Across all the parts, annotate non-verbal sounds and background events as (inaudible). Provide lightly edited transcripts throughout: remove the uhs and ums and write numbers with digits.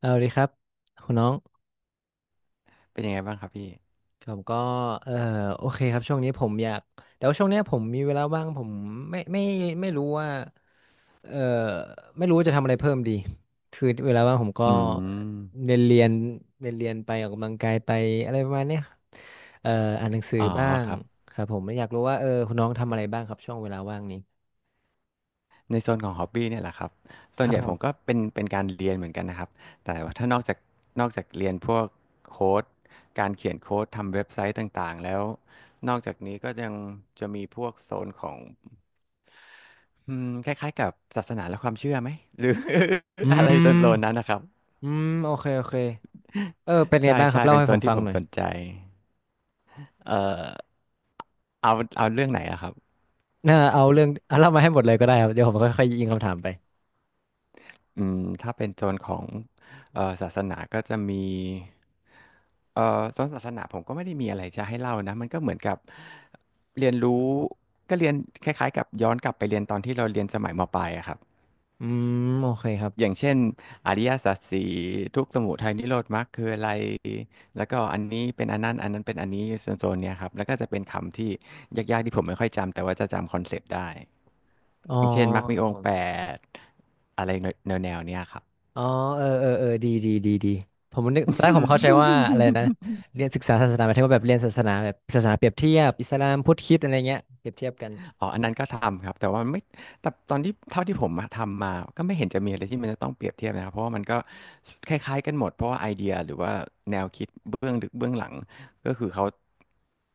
เอาดีครับคุณน้องเป็นยังไงบ้างครับพี่ ผมก็เออโอเคครับช่วงนี้ผมอยากแต่ว่าช่วงเนี้ยผมมีเวลาว่างผมไม่ไม่ไม่รู้ว่าเออไม่รู้จะทำอะไรเพิ่มดีคือเวลาว่างผมก็อืม เรียนเรียนเรียนเรียนไปออกกำลังกายไปอะไรประมาณเนี้ยเอออ่านหนังสืออ๋อบ้างครับครับผมไม่อยากรู้ว่าคุณน้องทำอะไรบ้างครับช่วงเวลาว่างนี้ในโซนของฮอบบี้เนี่ยแหละครับส่ควนรัใหบญ่ผผมก็มเป็นการเรียนเหมือนกันนะครับ แต่ว่าถ้านอกจากเรียนพวกโค้ดการเขียนโค้ดทำเว็บไซต์ต่างๆแล้ว นอกจากนี้ก็ยังจะมีพวกโซนของคล้ายๆกับศาสนาและความเชื่อไหมหรือ อื (laughs) อะไรโซมนๆนั้นนะครับ อืมโอเคโอเคเป็นไงใช่บ้างครัใช่บเล่าเป็นให้โซผนมที่ฟังผมหน่อสยนใจเอ่อเอาเอาเรื่องไหนอะครับ น่าเอาเรื่องเอาเล่ามาให้หมดเลยก็ได้ครับเดี๋ยวผมค่อยๆยิงคำถามไป อืมถ้าเป็นโซนของศาสนาก็จะมีโซนศาสนาผมก็ไม่ได้มีอะไรจะให้เล่านะมันก็เหมือนกับเรียนรู้ก็เรียนคล้ายๆกับย้อนกลับไปเรียนตอนที่เราเรียนสมัยมปลายอะครับอืมโอเคครับอย่างเช่นอริยสัจสี่ทุกข์สมุทัยนิโรธมรรคคืออะไรแล้วก็อันนี้เป็นอันนั้นอันนั้นเป็นอันนี้โซนๆเนี้ยครับแล้วก็จะเป็นคำที่ยากๆที่ผมไม่ค่อยจำแต่ว่าจะจำคอนเซปต์ได้อ๋ออย่างเช่นมรรคมีครับองผค์แปมดอะไรแนวๆเนี้ยครับ อ๋อเออเออเออดีดีดีดีผมนึกตอนแรกผมเข้าใจ (laughs) ว่าอะไรนะเรียนศึกษาศาสนาหมายถึงว่าแบบเรียนศาสนาแบบศาสนาเปรียบเทียบอิสลามพุทธคริสต์อะไรเงี้ยเปรียบเทียบกันอ๋ออันนั้นก็ทำครับ แต่ว่าไม่แต่ตอนที่เท่าที่ผมมาทำมาก็ไม่เห็นจะมีอะไรที่มันจะต้องเปรียบเทียบนะครับเพราะว่ามันก็คล้ายๆกันหมดเพราะว่าไอเดียหรือว่าแนวคิดเบื้องลึกเบื้องหลังก็คือเขา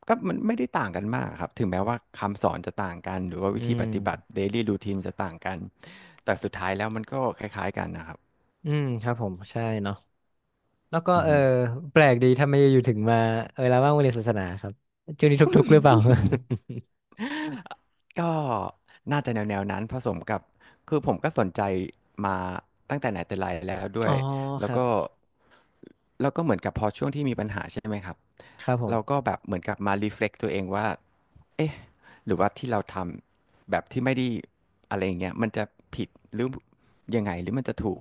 ก็มันไม่ได้ต่างกันมากครับถึงแม้ว่าคำสอนจะต่างกัน หรือว่าวิอืธีปมฏิบัติ daily routine จะต่างกัน แต่สุดท้ายแล้วมันก็คล้ายๆกันนะครับอืมครับผมใช่เนาะแล้วก็อือฮึ แปลกดีทำไมอยู่ถึงมาแล้วว่างมาเรียนศาสนาครับช่วงนี้ทุกข์ๆหรือเปล่า ก็น่าจะแนวนั้นผสมกับคือผมก็สนใจมาตั้งแต่ไหนแต่ไรแล้วด้ (laughs) อ๋วอยคแล้วรัก็บแล้วก็เหมือนกับพอช่วงที่มีปัญหาใช่ไหมครับครับผมเราก็แบบเหมือนกับมา reflect ตัวเองว่าเอ๊ะหรือว่าที่เราทำแบบที่ไม่ได้อะไรอย่างเงี้ยมันจะผิดหรือยังไงหรือมันจะถูก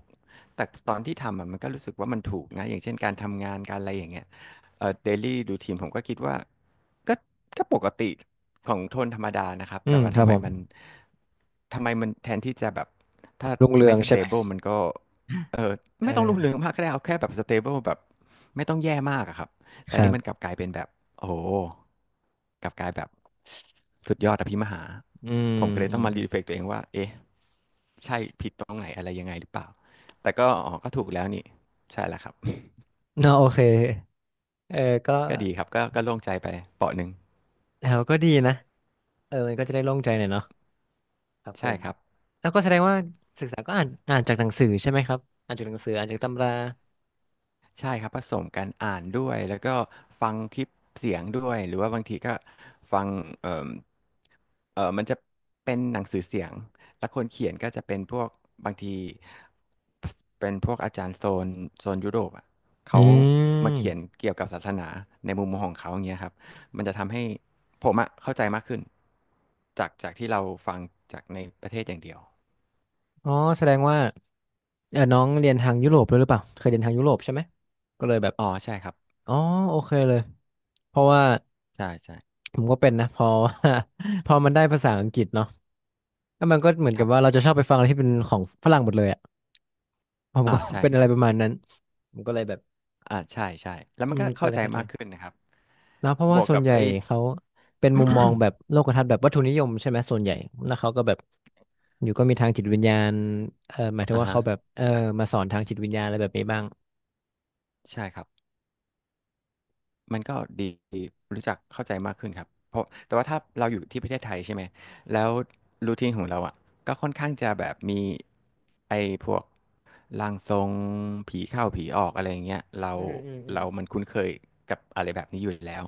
แต่ตอนที่ทำอะมันก็รู้สึกว่ามันถูกนะอย่างเช่นการทำงานการอะไรอย่างเงี้ย เดลี่ดูทีมผมก็คิดว่าก็ก็ปกติของโทนธรรมดานะครับอืแต่มว่าครัทำบไมผมมันทำไมมันแทนที่จะแบบถ้ารุ่งเรืไม่องสใช่เตไหมเบิลมันก็เออเอไม่ต้องรุ่งอเรืองมากก็ได้เอาแค่แบบสเตเบิลแบบไม่ต้องแย่มากอะครับคแต่รันี่มันกบลับกลายเป็นแบบโอ้โหกลับกลายแบบสุดยอดอภิมหาอืมผมก็เลยอืต้อมงมาอืรีมเฟล็กตัวเองว่าเอ๊ะใช่ผิดตรงไหนอะไรยังไงหรือเปล่าแต่ก็อ๋อก็ถูกแล้วนี่ใช่แล้วครับ เนาะโอเคเออก็ (laughs) ก็ดีครับก็ก็โล่งใจไปเปาะหนึ่ง แล้วก็ดีนะ มันก็จะได้โล่งใจหน่อยเนาะครับผใช่มครับแล้วก็แสดงว่าศึกษาก็อ่านจากหนังสือใช่ไหมครับอ่านจากหนังสืออ่านจากตำราใช่ครับผสมกันอ่านด้วยแล้วก็ฟังคลิปเสียงด้วยหรือว่าบางทีก็ฟังเอ่มมันจะเป็นหนังสือเสียงแล้วคนเขียนก็จะเป็นพวกบางทีเป็นพวกอาจารย์โซนโซนยุโรปอ่ะอืเขามาเขียนมเกี่ยวกับศาสนาในมุมมองของเขาอย่างเงี้ยครับมันจะทำให้ผมอ่ะเข้าใจมากขึ้นจากที่เราฟังจากในประเทศอย่างเดียวอ๋อแสดงว่าน้องเรียนทางยุโรปด้วยหรือเปล่าเคยเรียนทางยุโรปใช่ไหมก็เลยแบบอ๋อใช่ครับอ๋อโอเคเลยเพราะว่าใช่ใช่ผมก็เป็นนะพอ (laughs) พอมันได้ภาษาอังกฤษเนาะแล้วมันก็เหมือนคกับรับว่าเราจะชอบไปฟังอะไรที่เป็นของฝรั่งหมดเลยอ่ะผมก็ อ่า (laughs) ใช่เป็นคอะรัไรบ ประมาณนั้นผมก็เลยแบบอ่าใช่ใช่แล้วอืมันก็มก็เข้าเลยใจเข้าใจ มากขึ้นนะครับแล้วเพราะบว่าวกส่วนกับใหญ่ไอ้เขาเป็นมุมมองแบบโลกทัศน์แบบวัตถุนิยมใช่ไหมส่วนใหญ่แล้วเขาก็แบบอยู่ก็มีทางจิตวิญญาณหมายถึงอ่าว่าฮะเขาแบบมาสอนทางจิตวิญญาณอะไรแบบนี้บ้างใช่ครับ มันก็ดีรู้จักเข้าใจมากขึ้นครับเพราะแต่ว่าถ้าเราอยู่ที่ประเทศไทยใช่ไหมแล้วรูทีนของเราอ่ะก็ค่อนข้างจะแบบมีไอ้พวกร่างทรงผีเข้าผีออกอะไรอย่างเงี้ยอืมอืมอืมเรามันคุ้นเคยกับอะไรแบบนี้อยู่แล้ว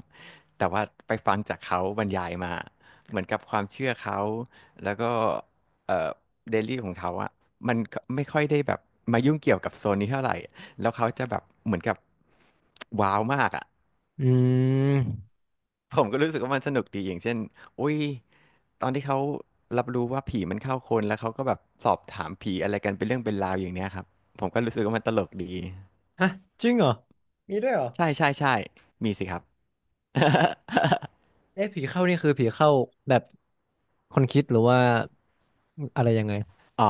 แต่ว่าไปฟังจากเขาบรรยายมาเหมือนกับความเชื่อเขาแล้วก็เอ่อเดลี่ของเขาอะมันก็ไม่ค่อยได้แบบมายุ่งเกี่ยวกับโซนนี้เท่าไหร่แล้วเขาจะแบบเหมือนกับว้าวมากอะ อืม (laughs) ผมก็รู้สึกว่ามันสนุกดีอย่างเช่นอุ้ยตอนที่เขารับรู้ว่าผีมันเข้าคนแล้วเขาก็แบบสอบถามผีอะไรกันเป็นเรื่องเป็นราวอย่างเนี้ยครับ ผมก็รู้สึกว่ามันตลกดีฮะจริงเหรอมีด้วยเหรอใช่ใช่ใช่มีสิครับ (laughs) เอ๊ะผีเข้านี่คือผีเข้าแบบคนคิดหรือว่าอะไรยังไงอ๋อ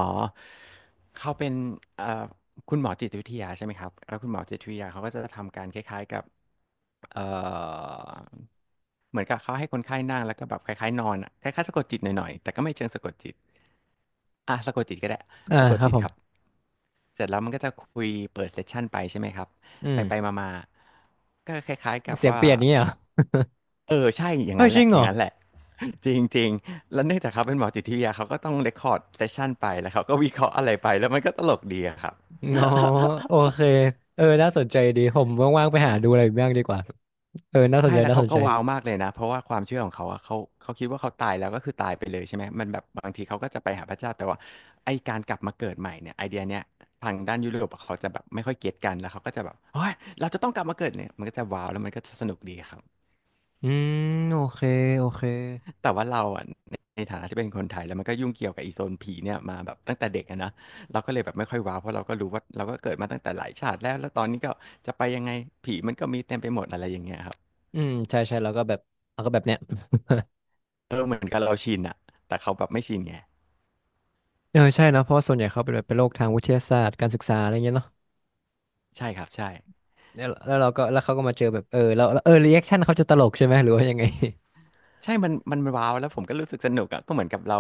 เขาเป็นเอ่อคุณหมอจิตวิทยาใช่ไหมครับแล้วคุณหมอจิตวิทยาเขาก็จะทำการคล้ายๆกับเอ่อเหมือนกับเขาให้คนไข้นั่งแล้วก็แบบคล้ายๆนอนอะคล้ายๆสะกดจิตหน่อยๆแต่ก็ไม่เชิงสะกดจิต อ่ะสะกดจิตก็ได้อ่าสะกดครับจิตผคมรับเสร็จแล้วมันก็จะคุยเปิดเซสชันไปใช่ไหมครับอืไปมไปมามาๆก็คล้ายๆกับเสียงว่าเปลี่ยนนี้เหรอเออใช่อย่างเฮ้ยนั้นจแหริละงอเหรอย่างนั้นแหละ (laughs) จริงจริงแล้วเนื่องจากเขาเป็นหมอจิตวิทยาเขาก็ต้องเรคคอร์ดเซสชันไปแล้วเขาก็วิเคราะห์อะไรไปแล้วมันก็ตลกดีอะครับ อ๋อ (laughs) โอเคน่าสนใจดีผมว่างๆไปหาดูอะไรอีกบ้างดีกว่าน่าสนใช่ใจแล้วน่าเขาสนก็ใจ ว้าวมากเลยนะเพราะว่าความเชื่อของเขาอะเขาคิดว่าเขาตายแล้วก็คือตายไปเลยใช่ไหมมันแบบบางทีเขาก็จะไปหาพระเจ้าแต่ว่าไอการกลับมาเกิดใหม่เนี่ยไอเดียเนี้ยทางด้านยุโรปอะเขาจะแบบไม่ค่อยเก็ตกันแล้วเขาก็จะแบบเฮ้ยเราจะต้องกลับมาเกิดเนี่ยมันก็จะว้าวแล้วมันก็จะสนุกดีครับอืมโอเคโอเคแต่ว่าเราอะในฐานะที่เป็นคนไทยแล้วมันก็ยุ่งเกี่ยวกับอีโซนผีเนี่ยมาแบบตั้งแต่เด็กอะนะเราก็เลยแบบไม่ค่อยว้าวเพราะเราก็รู้ว่าเราก็เกิดมาตั้งแต่หลายชาติแล้วแล้วตอนนี้ก็จะไปยังไงอย่างเงี้ยครับอืมใช่ใช่แล้วก็แบบแล้วก็แบบเนี้ย (laughs) เออเหมือนกับเราชินอะแต่เขาแบบไม่ชินไงใช่นะเพราะว่าส่วนใหญ่เขาเป็นแบบเป็นโรคทางวิทยาศาสตร์การศึกษาอะไรเงี้ยเนาะใช่ครับใช่ แล้วเราก็แล้วเขาก็มาเจอแบบแล้วรีแอคชั่นเขาจะตลกใช่ไหมหรือว่ายังไง ใช่มันว้าวแล้วผมก็รู้สึกสนุกอะก็เหมือนกับเรา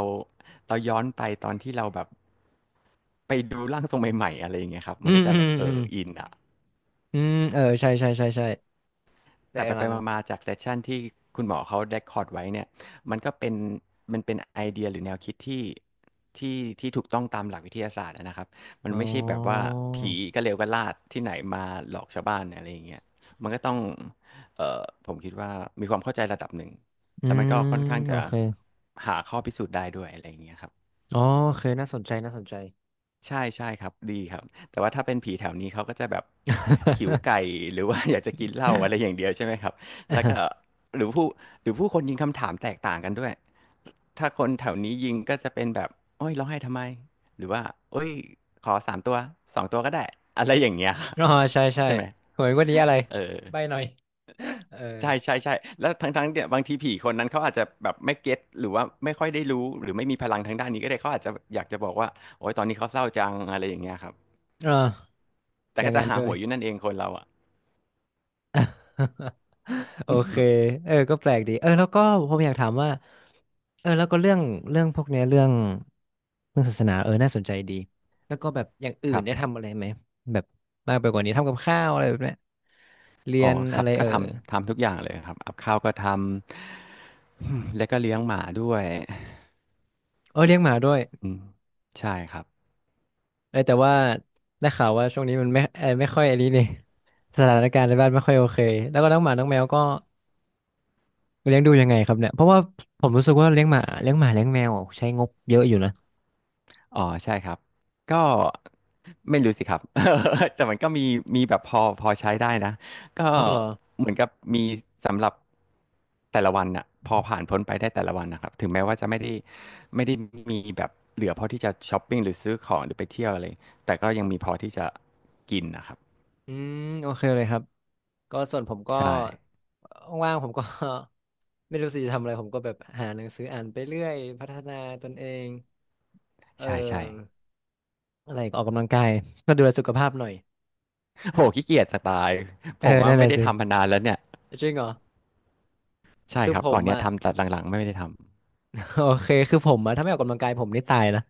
เราย้อนไปตอนที่เราแบบไปดูร่างทรงใหม่ๆอะไรอย่าง (laughs) เงี้ยครับอืมันมก็จะอืแบบมเออือมอินอ่ะ อืมเออใช่ใช่ใช่ใช่แต่แต่ไปหไปลังมาๆจากเซสชันที่คุณหมอเขาเรคคอร์ดไว้เนี่ยมันก็เป็นมันเป็นไอเดียหรือแนวคิดที่ที่ถูกต้องตามหลักวิทยาศาสตร์อะนะครับมันอ๋ไม่ใช่แบบว่าอผีก็เลวก็ลาดที่ไหนมาหลอกชาวบ้านอะไรอย่างเงี้ยมันก็ต้องเอ่อผมคิดว่ามีความเข้าใจระดับหนึ่งอืแล้วมันมก็ค่อนข้างโอจะเคหาข้อพิสูจน์ได้ด้วยอะไรอย่างเงี้ยครับ อ๋อโอเคน่าสนใจน่าสนใจ ใช่ใช่ครับดีครับแต่ว่าถ้าเป็นผีแถวนี้เขาก็จะแบบหิวไก่หรือว่า (laughs) อยากจะกินเหล้าอะไรอย่างเดียวใช่ไหมครับแล้วก็ (laughs) หรือผู้หรือผู้คนยิงคำถามแตกต่างกันด้วยถ้าคนแถวนี้ยิงก็จะเป็นแบบโอ้ยร้องไห้ทำไมหรือว่าโอ้ยขอสามตัวสองตัวก็ได้อะไรอย่างเงี้ย อ๋อใช่ใช่ (laughs) ใช่ไหมหวยงวันนี้อะไรเออใบหน่อย (laughs) เออใช่ใช่ใช่แล้วทั้งเนี่ยบางทีผีคนนั้นเขาอาจจะแบบไม่เก็ตหรือว่าไม่ค่อยได้รู้หรือไม่มีพลังทางด้านนี้ก็ได้เขาอาจจะอยากจะบอกว่าโอ้ยตอนนี้เขาเศร้าจังอะไรอย่างเงี้ยครับ อ่าแต่อย่าก็งจะนั้นหาด้หวย วยอยู่นั่นเองคนเราอ่ะ (laughs) โอเค (laughs) ก็แปลกดีแล้วก็ผมอยากถามว่าแล้วก็เรื่องเรื่องพวกเนี้ยเรื่องศาสนาน่าสนใจดีแล้วก็แบบอย่างอื่คนรับได้ทำอะไรไหมแบบมากไปกว่านี้ทำกับข้าวอะไรแบบเนี้ยเรียอ๋อนคอะรับไรก็เออทำทำทุกอย่างเลยครับอับข้าวก็ทำ (clears throat) อืมแล้วก็เลี้ยงหมาด้วยเออเลี้ยงหมาด้วยอืมใช่ครับ แต่ว่าได้ข่าวว่าช่วงนี้มันไม่ค่อยอันนี้เนี่ย (laughs) สถานการณ์ในบ้านไม่ค่อยโอเคแล้วก็น้องหมาน้องแมวก็เลี้ยงดูยังไงครับเนี่ยเพราะว่าผมรู้สึกว่าเลี้ยงหมาเลี้ยงแมวใช้งบเยอะอยู่นะอ๋อ ใช่ครับ ก็ไม่รู้สิครับ (laughs) แต่มันก็มีมีแบบพอพอใช้ได้นะ ก็อ้าวเหรอเหมือนกับมีสำหรับแต่ละวันน่ะพอผ่านพ้นไปได้แต่ละวันนะครับ ถึงแม้ว่าจะไม่ได้มีแบบเหลือพอที่จะช้อปปิ้งหรือซื้อของหรือไปเที่ยวอะไรแต่ก็ยังมีพอที่จะกินนะครับ อืมโอเคเลยครับ ก็ส่วนผมก็ใช่ว่างๆผมก็ (laughs) ไม่รู้สิจะทำอะไรผมก็แบบหาหนังสืออ่านไปเรื่อยพัฒนาตนเองเใช่ใช่อออะไรอีกออกกำลังกาย (laughs) ก็ดูแลสุขภาพหน่อยโหขี้เกียจจะตาย (laughs) ผม(laughs) ว่านั่นแหไม่ละได้สิทำมานานแล้วเนี่ยจริงเหรอใช่คือครับผก่อมนเนี้ยอ่ะ ทำแต่หลังๆไม่ได้ท (laughs) โอเคคือผมอ่ะถ้าไม่ออกกำลังกายผมนี่ตายนะ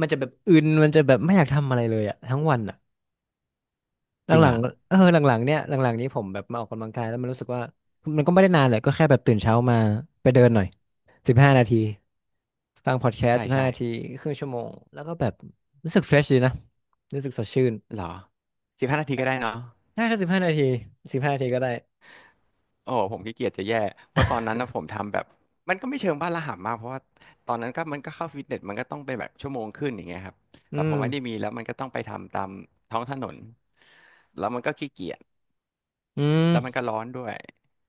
มันจะแบบอึนมันจะแบบไม่อยากทำอะไรเลยอ่ะทั้งวันอ่ะหำจริงลังอ่ะๆหลังๆเนี่ยหลังๆนี้ผมแบบมาออกกำลังกายแล้วมันรู้สึกว่ามันก็ไม่ได้นานเลยก็แค่แบบตื่นเช้ามาไปเดินหน่อยสิบห้านาที ฟังพอดแคสใช่ต์สิบห้าใช่นาทีครึ่งชั่วโมงแล้วก็แบบรู้สึกเฟรชดีนะรู้สึกสดชื่นเหรอ15 นาทีก็ได้เนาะถ้าแค่สิบห้านาทีสิบห้านาทีก็ได้โอ้โหผมขี้เกียจจะแย่เพราะตอนนั้นนะผมทำแบบมันก็ไม่เชิงบ้าระห่ำมากเพราะว่าตอนนั้นก็มันก็เข้าฟิตเนสมันก็ต้องเป็นแบบชั่วโมงครึ่งอย่างเงี้ยครับอืแต่พมอไม่ได้มีแล้วมันก็ต้องไปทำตามท้องถนนแล้วมันก็ขี้เกียจอืแล้วมันมก็ร้อนด้วย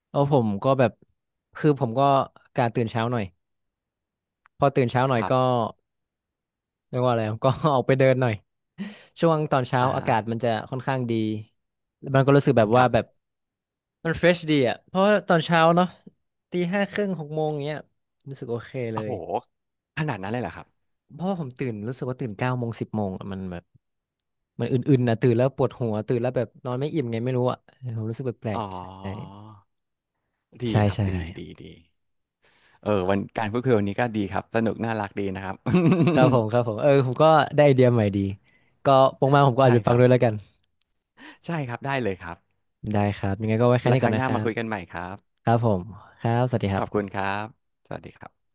เอาผมก็แบบคือผมก็การตื่นเช้าหน่อยพอตื่นเช้าหน่อคยรัก็บเรียกว่าอะไรก็ (laughs) ออกไปเดินหน่อยช่วงตอนเช้าอ่าอาฮะกาศมันจะค่อนข้างดีมันก็รู้สึกแบบคว่ารัแบบบมันเฟรชดีอ่ะเพราะว่าตอนเช้าเนาะตีห้าครึ่งหกโมงเงี้ยรู้สึกโอเคเลโอ้ย โหขนาดนั้นเลยเหรอครับเพราะว่าผมตื่นรู้สึกว่าตื่นเก้าโมงสิบโมงอะมันแบบมันอื่นๆนะตื่นแล้วปวดหัวตื่นแล้วแบบนอนไม่อิ่มไงไม่รู้อ่ะผมรู้สึกแปลอ๋อ กๆดีใช่ครับใช่ดีใช่ดีดีเออวันการพูดคุยวันนี้ก็ดีครับสนุกน่ารักดีนะครับ ครับผมครับผมผมก็ได้ไอเดียใหม่ดีก็ปงมาผม (laughs) ก็อาจใช่จะไปคฟังรับด้วยแล้วกันใช่ครับได้เลยครับได้ครับยังไงก็ไว้แค่แล้วนี้คก่อรั้นงหนะน้าครัมาบคุยกันใหม่ครับครับผมครับสวัสดีคขรัอบคุณบครับสวัสดีครับ